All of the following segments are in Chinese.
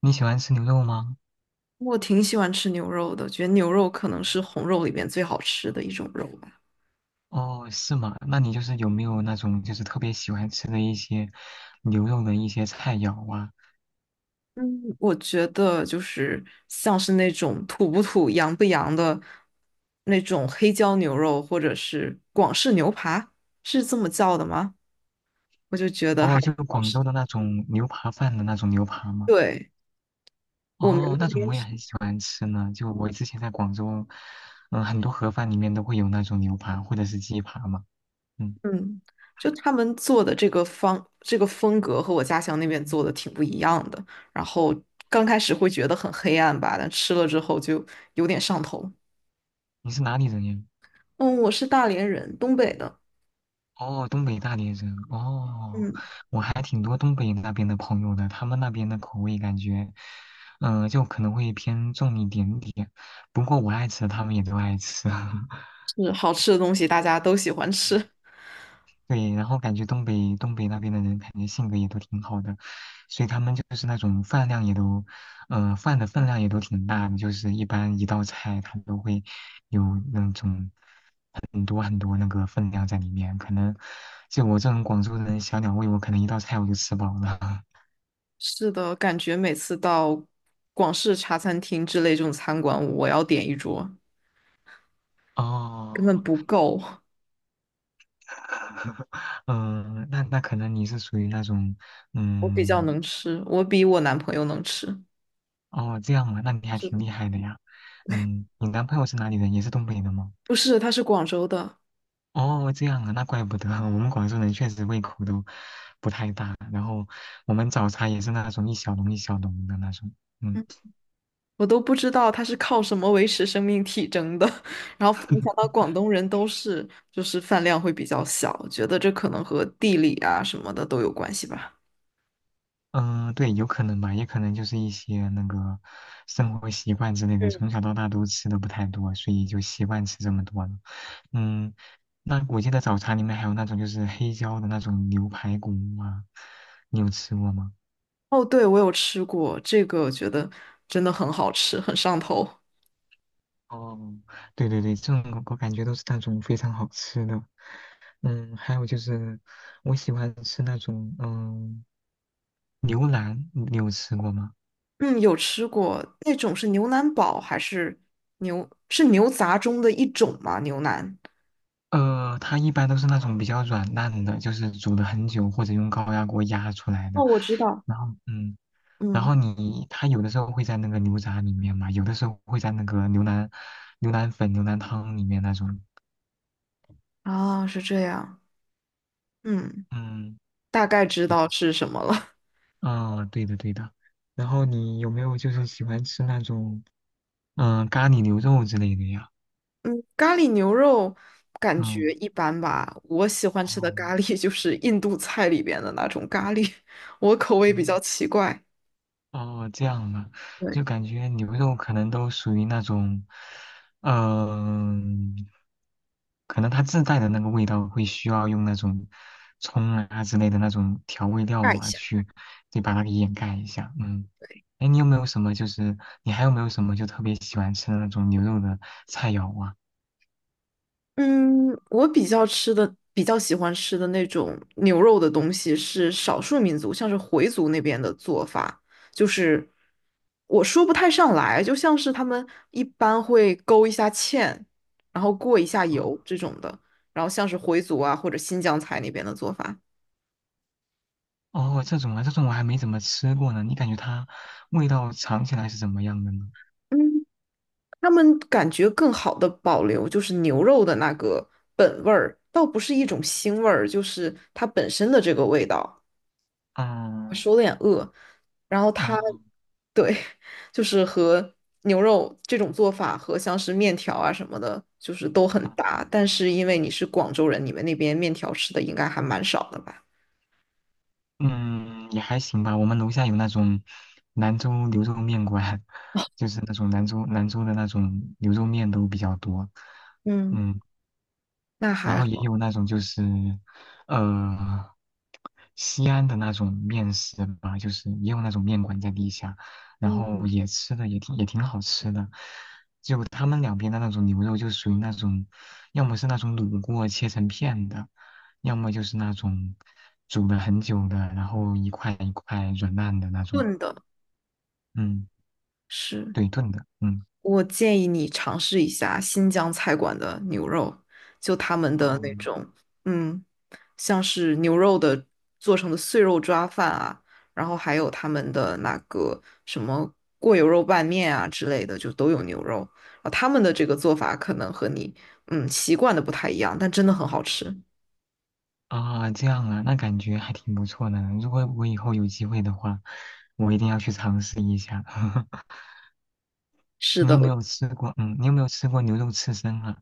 你喜欢吃牛肉吗？我挺喜欢吃牛肉的，觉得牛肉可能是红肉里面最好吃的一种肉吧。哦，是吗？那你就是有没有那种就是特别喜欢吃的一些牛肉的一些菜肴啊？嗯，我觉得就是像是那种土不土、洋不洋的那种黑椒牛肉，或者是广式牛扒，是这么叫的吗？我就觉得还哦，挺就好广吃。州的那种牛扒饭的那种牛扒吗？对，我们那哦，那种边我也是，很喜欢吃呢。就我之前在广州，很多盒饭里面都会有那种牛扒或者是鸡扒嘛。嗯，嗯，就他们做的这个方这个风格和我家乡那边做的挺不一样的。然后刚开始会觉得很黑暗吧，但吃了之后就有点上头。你是哪里人呀？嗯，我是大连人，东北的。哦，东北大连人哦，嗯，我还挺多东北那边的朋友的，他们那边的口味感觉，就可能会偏重一点点。不过我爱吃，他们也都爱吃。是好吃的东西，大家都喜欢嗯吃。对，然后感觉东北那边的人，感觉性格也都挺好的，所以他们就是那种饭量也都，饭的分量也都挺大的，就是一般一道菜他都会有那种很多很多那个分量在里面，可能就我这种广州人小鸟胃，我可能一道菜我就吃饱了。是的，感觉每次到广式茶餐厅之类这种餐馆，我要点一桌，根哦，本不够。嗯，那可能你是属于那种，我比较嗯，能吃，我比我男朋友能吃。哦，这样啊，那你还是挺的。厉害的呀。你男朋友是哪里人？也是东北的吗？不是，他是广州的。哦，这样啊，那怪不得 我们广州人确实胃口都不太大，然后我们早茶也是那种一小笼一小笼的那种。嗯 嗯，我都不知道他是靠什么维持生命体征的。然后没想 到广东人都是就是饭量会比较小，觉得这可能和地理啊什么的都有关系吧。对，有可能吧，也可能就是一些那个生活习惯之类的，从小到大都吃的不太多，所以就习惯吃这么多了。嗯，那我记得早茶里面还有那种就是黑椒的那种牛排骨啊，你有吃过吗？哦，对，我有吃过这个，我觉得真的很好吃，很上头。哦，对对对，这种我感觉都是那种非常好吃的。还有就是我喜欢吃那种牛腩，你有吃过吗？嗯，有吃过，那种是牛腩煲还是是牛杂中的一种吗？牛腩。它一般都是那种比较软烂的，就是煮了很久或者用高压锅压出来的。哦，我知道。然后，嗯，然嗯，后你它有的时候会在那个牛杂里面嘛，有的时候会在那个牛腩、牛腩粉、牛腩汤里面那种。啊，是这样。嗯，嗯，大概知对，道是什么了。嗯，对的，对的。然后你有没有就是喜欢吃那种咖喱牛肉之类的呀？嗯，咖喱牛肉感觉嗯，一般吧。我喜欢吃的哦，咖喱 就是印度菜里边的那种咖喱，我口味比嗯较奇怪。哦，这样啊，对，就感觉牛肉可能都属于那种，嗯、可能它自带的那个味道会需要用那种葱啊之类的那种调味料尬一啊下。去，对，把它给掩盖一下。嗯，哎，你有没有什么就是你还有没有什么就特别喜欢吃的那种牛肉的菜肴啊？嗯，我比较吃的比较喜欢吃的那种牛肉的东西是少数民族，像是回族那边的做法，就是我说不太上来，就像是他们一般会勾一下芡，然后过一下油这种的，然后像是回族啊或者新疆菜那边的做法。哦，这种啊，这种我还没怎么吃过呢。你感觉它味道尝起来是怎么样的呢？嗯，他们感觉更好的保留就是牛肉的那个本味儿，倒不是一种腥味儿，就是它本身的这个味道。我嗯，手有点饿，然后它哦。对，就是和牛肉这种做法和像是面条啊什么的，就是都很搭。但是因为你是广州人，你们那边面条吃的应该还蛮少的吧？嗯，也还行吧。我们楼下有那种兰州牛肉面馆，就是那种兰州的那种牛肉面都比较多。嗯，嗯，那然还后也好，有那种就是，呃，西安的那种面食吧，就是也有那种面馆在地下，然后也吃的也挺好吃的。就他们两边的那种牛肉，就属于那种，要么是那种卤过切成片的，要么就是那种煮了很久的，然后一块一块软烂的那种，炖的嗯，是。对，炖的，嗯。我建议你尝试一下新疆菜馆的牛肉，就他们的哦那种，嗯，像是牛肉的做成的碎肉抓饭啊，然后还有他们的那个什么过油肉拌面啊之类的，就都有牛肉。啊，他们的这个做法可能和你习惯的不太一样，但真的很好吃。啊，这样啊，那感觉还挺不错的。如果我以后有机会的话，我一定要去尝试一下。是你的，有没我有吃过？嗯，你有没有吃过牛肉刺身啊？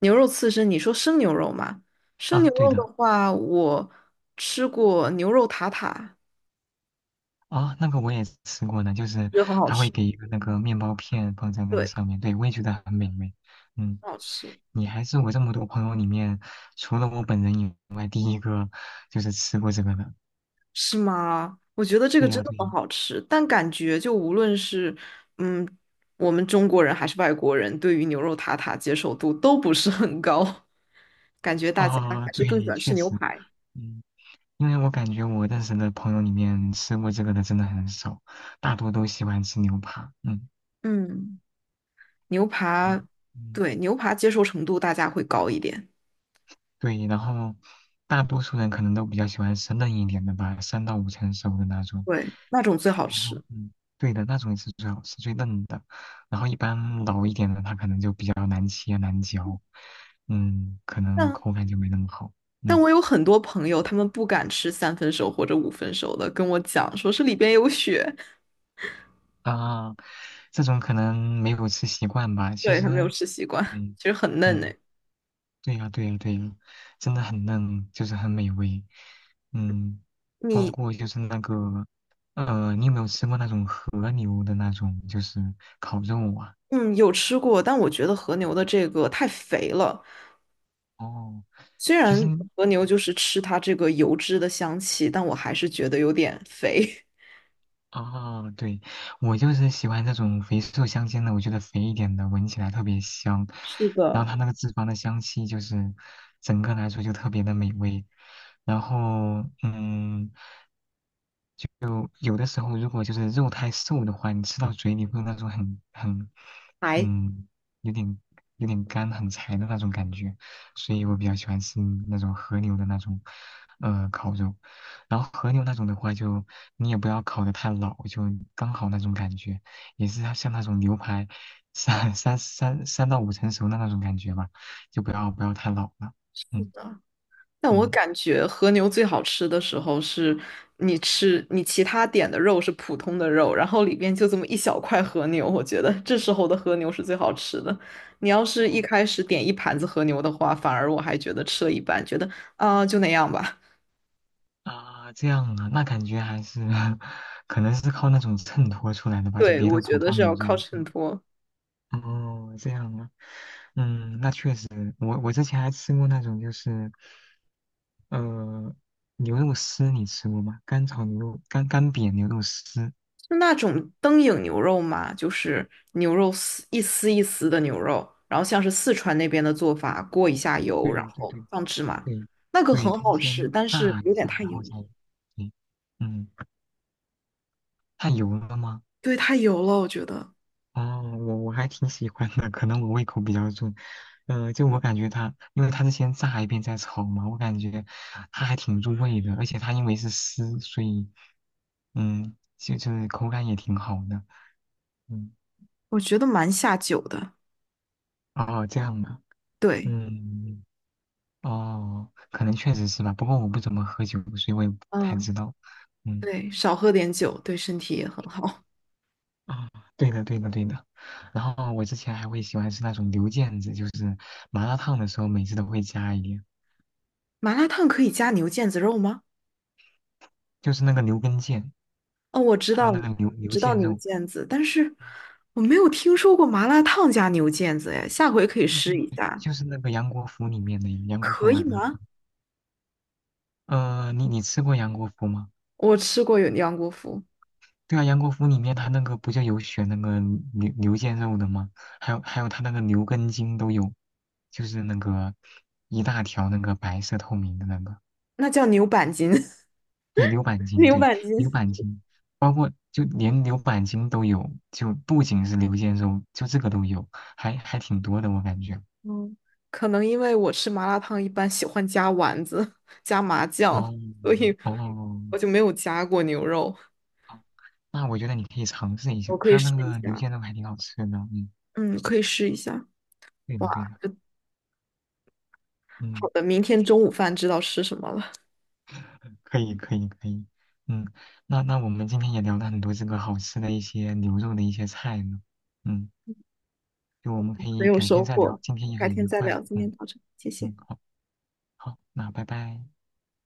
牛肉刺身，你说生牛肉吗？生啊，牛对肉的的，话，我吃过牛肉塔塔，啊，那个我也吃过的，就是觉得很好他会吃。给一个那个面包片放在那个对，上面，对，我也觉得很美味。嗯，很好吃。你还是我这么多朋友里面，除了我本人以外，第一个就是吃过这个的。是吗？我觉得这对个真呀，的对呀，很好吃，但感觉就无论是嗯，我们中国人还是外国人，对于牛肉塔塔接受度都不是很高，感觉大家啊，还是更喜对，欢吃确牛实，排。嗯。因为我感觉我认识的朋友里面吃过这个的真的很少，大多都喜欢吃牛扒。嗯嗯，牛啊，排，嗯，对，牛排接受程度大家会高一点。对，然后大多数人可能都比较喜欢吃嫩一点的吧，三到五成熟的那种。对，那种最好然后吃。对的，那种是最好吃、最嫩的。然后一般老一点的，它可能就比较难切、难嚼，可能但口感就没那么好。但嗯我有很多朋友，他们不敢吃三分熟或者五分熟的，跟我讲说是里边有血。啊，这种可能没有吃习惯吧。其对，他没有实，吃习惯，嗯其实很嫩呢。嗯。对呀，对呀，对呀，真的很嫩，就是很美味。嗯，包你。括就是那个，你有没有吃过那种和牛的那种，就是烤肉啊？嗯，有吃过，但我觉得和牛的这个太肥了。哦，虽其然实，和牛就是吃它这个油脂的香气，但我还是觉得有点肥。哦，对，我就是喜欢这种肥瘦相间的，我觉得肥一点的闻起来特别香，是然的，后它那个脂肪的香气就是整个来说就特别的美味。然后，嗯。有的时候如果就是肉太瘦的话，你吃到嘴里会有那种很，还嗯，有点有点干很柴的那种感觉，所以我比较喜欢吃那种和牛的那种，烤肉。然后和牛那种的话就，你也不要烤得太老，就刚好那种感觉，也是像那种牛排三 三到五成熟的那种感觉吧，就不要太老了。是嗯的。但我嗯。感觉和牛最好吃的时候是，你吃你其他点的肉是普通的肉，然后里边就这么一小块和牛，我觉得这时候的和牛是最好吃的。你要是一开始点一盘子和牛的话，反而我还觉得吃了一半，觉得啊、就那样吧。啊，这样啊，那感觉还是 可能是靠那种衬托出来的 吧，就对，别的我普觉得通是牛要靠肉。衬托。哦，这样啊，那确实，我之前还吃过那种就是，呃，牛肉丝，你吃过吗？干炒牛肉，干煸牛肉丝。就那种灯影牛肉嘛，就是牛肉丝一丝一丝的牛肉，然后像是四川那边的做法，过一下油，对然对后对放芝麻，对那个对，很它是好先吃，但是炸一有点下，太然油后再，了。对嗯，太油了吗？对，太油了，我觉得，哦，我还挺喜欢的，可能我胃口比较重。就我感觉它，因为它是先炸一遍再炒嘛，我感觉它还挺入味的，而且它因为是丝，所以就是口感也挺好的。嗯，我觉得蛮下酒的。哦，这样的，对，嗯，哦，可能确实是吧，不过我不怎么喝酒，所以我也不太嗯，知道。嗯，对，少喝点酒对身体也很好。哦，对的，对的，对的。然后我之前还会喜欢吃那种牛腱子，就是麻辣烫的时候每次都会加一点，麻辣烫可以加牛腱子肉吗？就是那个牛根腱。哦，我知还有道，那个牛知道腱牛肉，腱子，但是我没有听说过麻辣烫加牛腱子，哎，下回可以就是试一下，就是那个杨国福里面的杨国福可麻以辣烫。吗？你吃过杨国福吗？我吃过有杨国福，对啊，杨国福里面他那个不就有选那个牛腱肉的吗？还有他那个牛根筋都有，就是那个一大条那个白色透明的那个，那叫牛板筋，对，牛板筋，牛对，板牛筋。板筋，包括就连牛板筋都有，就不仅是牛腱肉，就这个都有，还挺多的我感觉。嗯，可能因为我吃麻辣烫一般喜欢加丸子、加麻哦酱，所以哦。我就没有加过牛肉。那我觉得你可以尝试一下，我可以它试那一个牛下。腱肉还挺好吃的。嗯，嗯，可以试一下。对的对哇，的，这好嗯，的，明天中午饭知道吃什么了，可以可以可以，嗯，那我们今天也聊了很多这个好吃的一些牛肉的一些菜呢，嗯，就我们可很以有改天收再聊，获。今天也改很天愉再快，聊，今天嗯到这，谢谢。嗯，好好，那拜拜。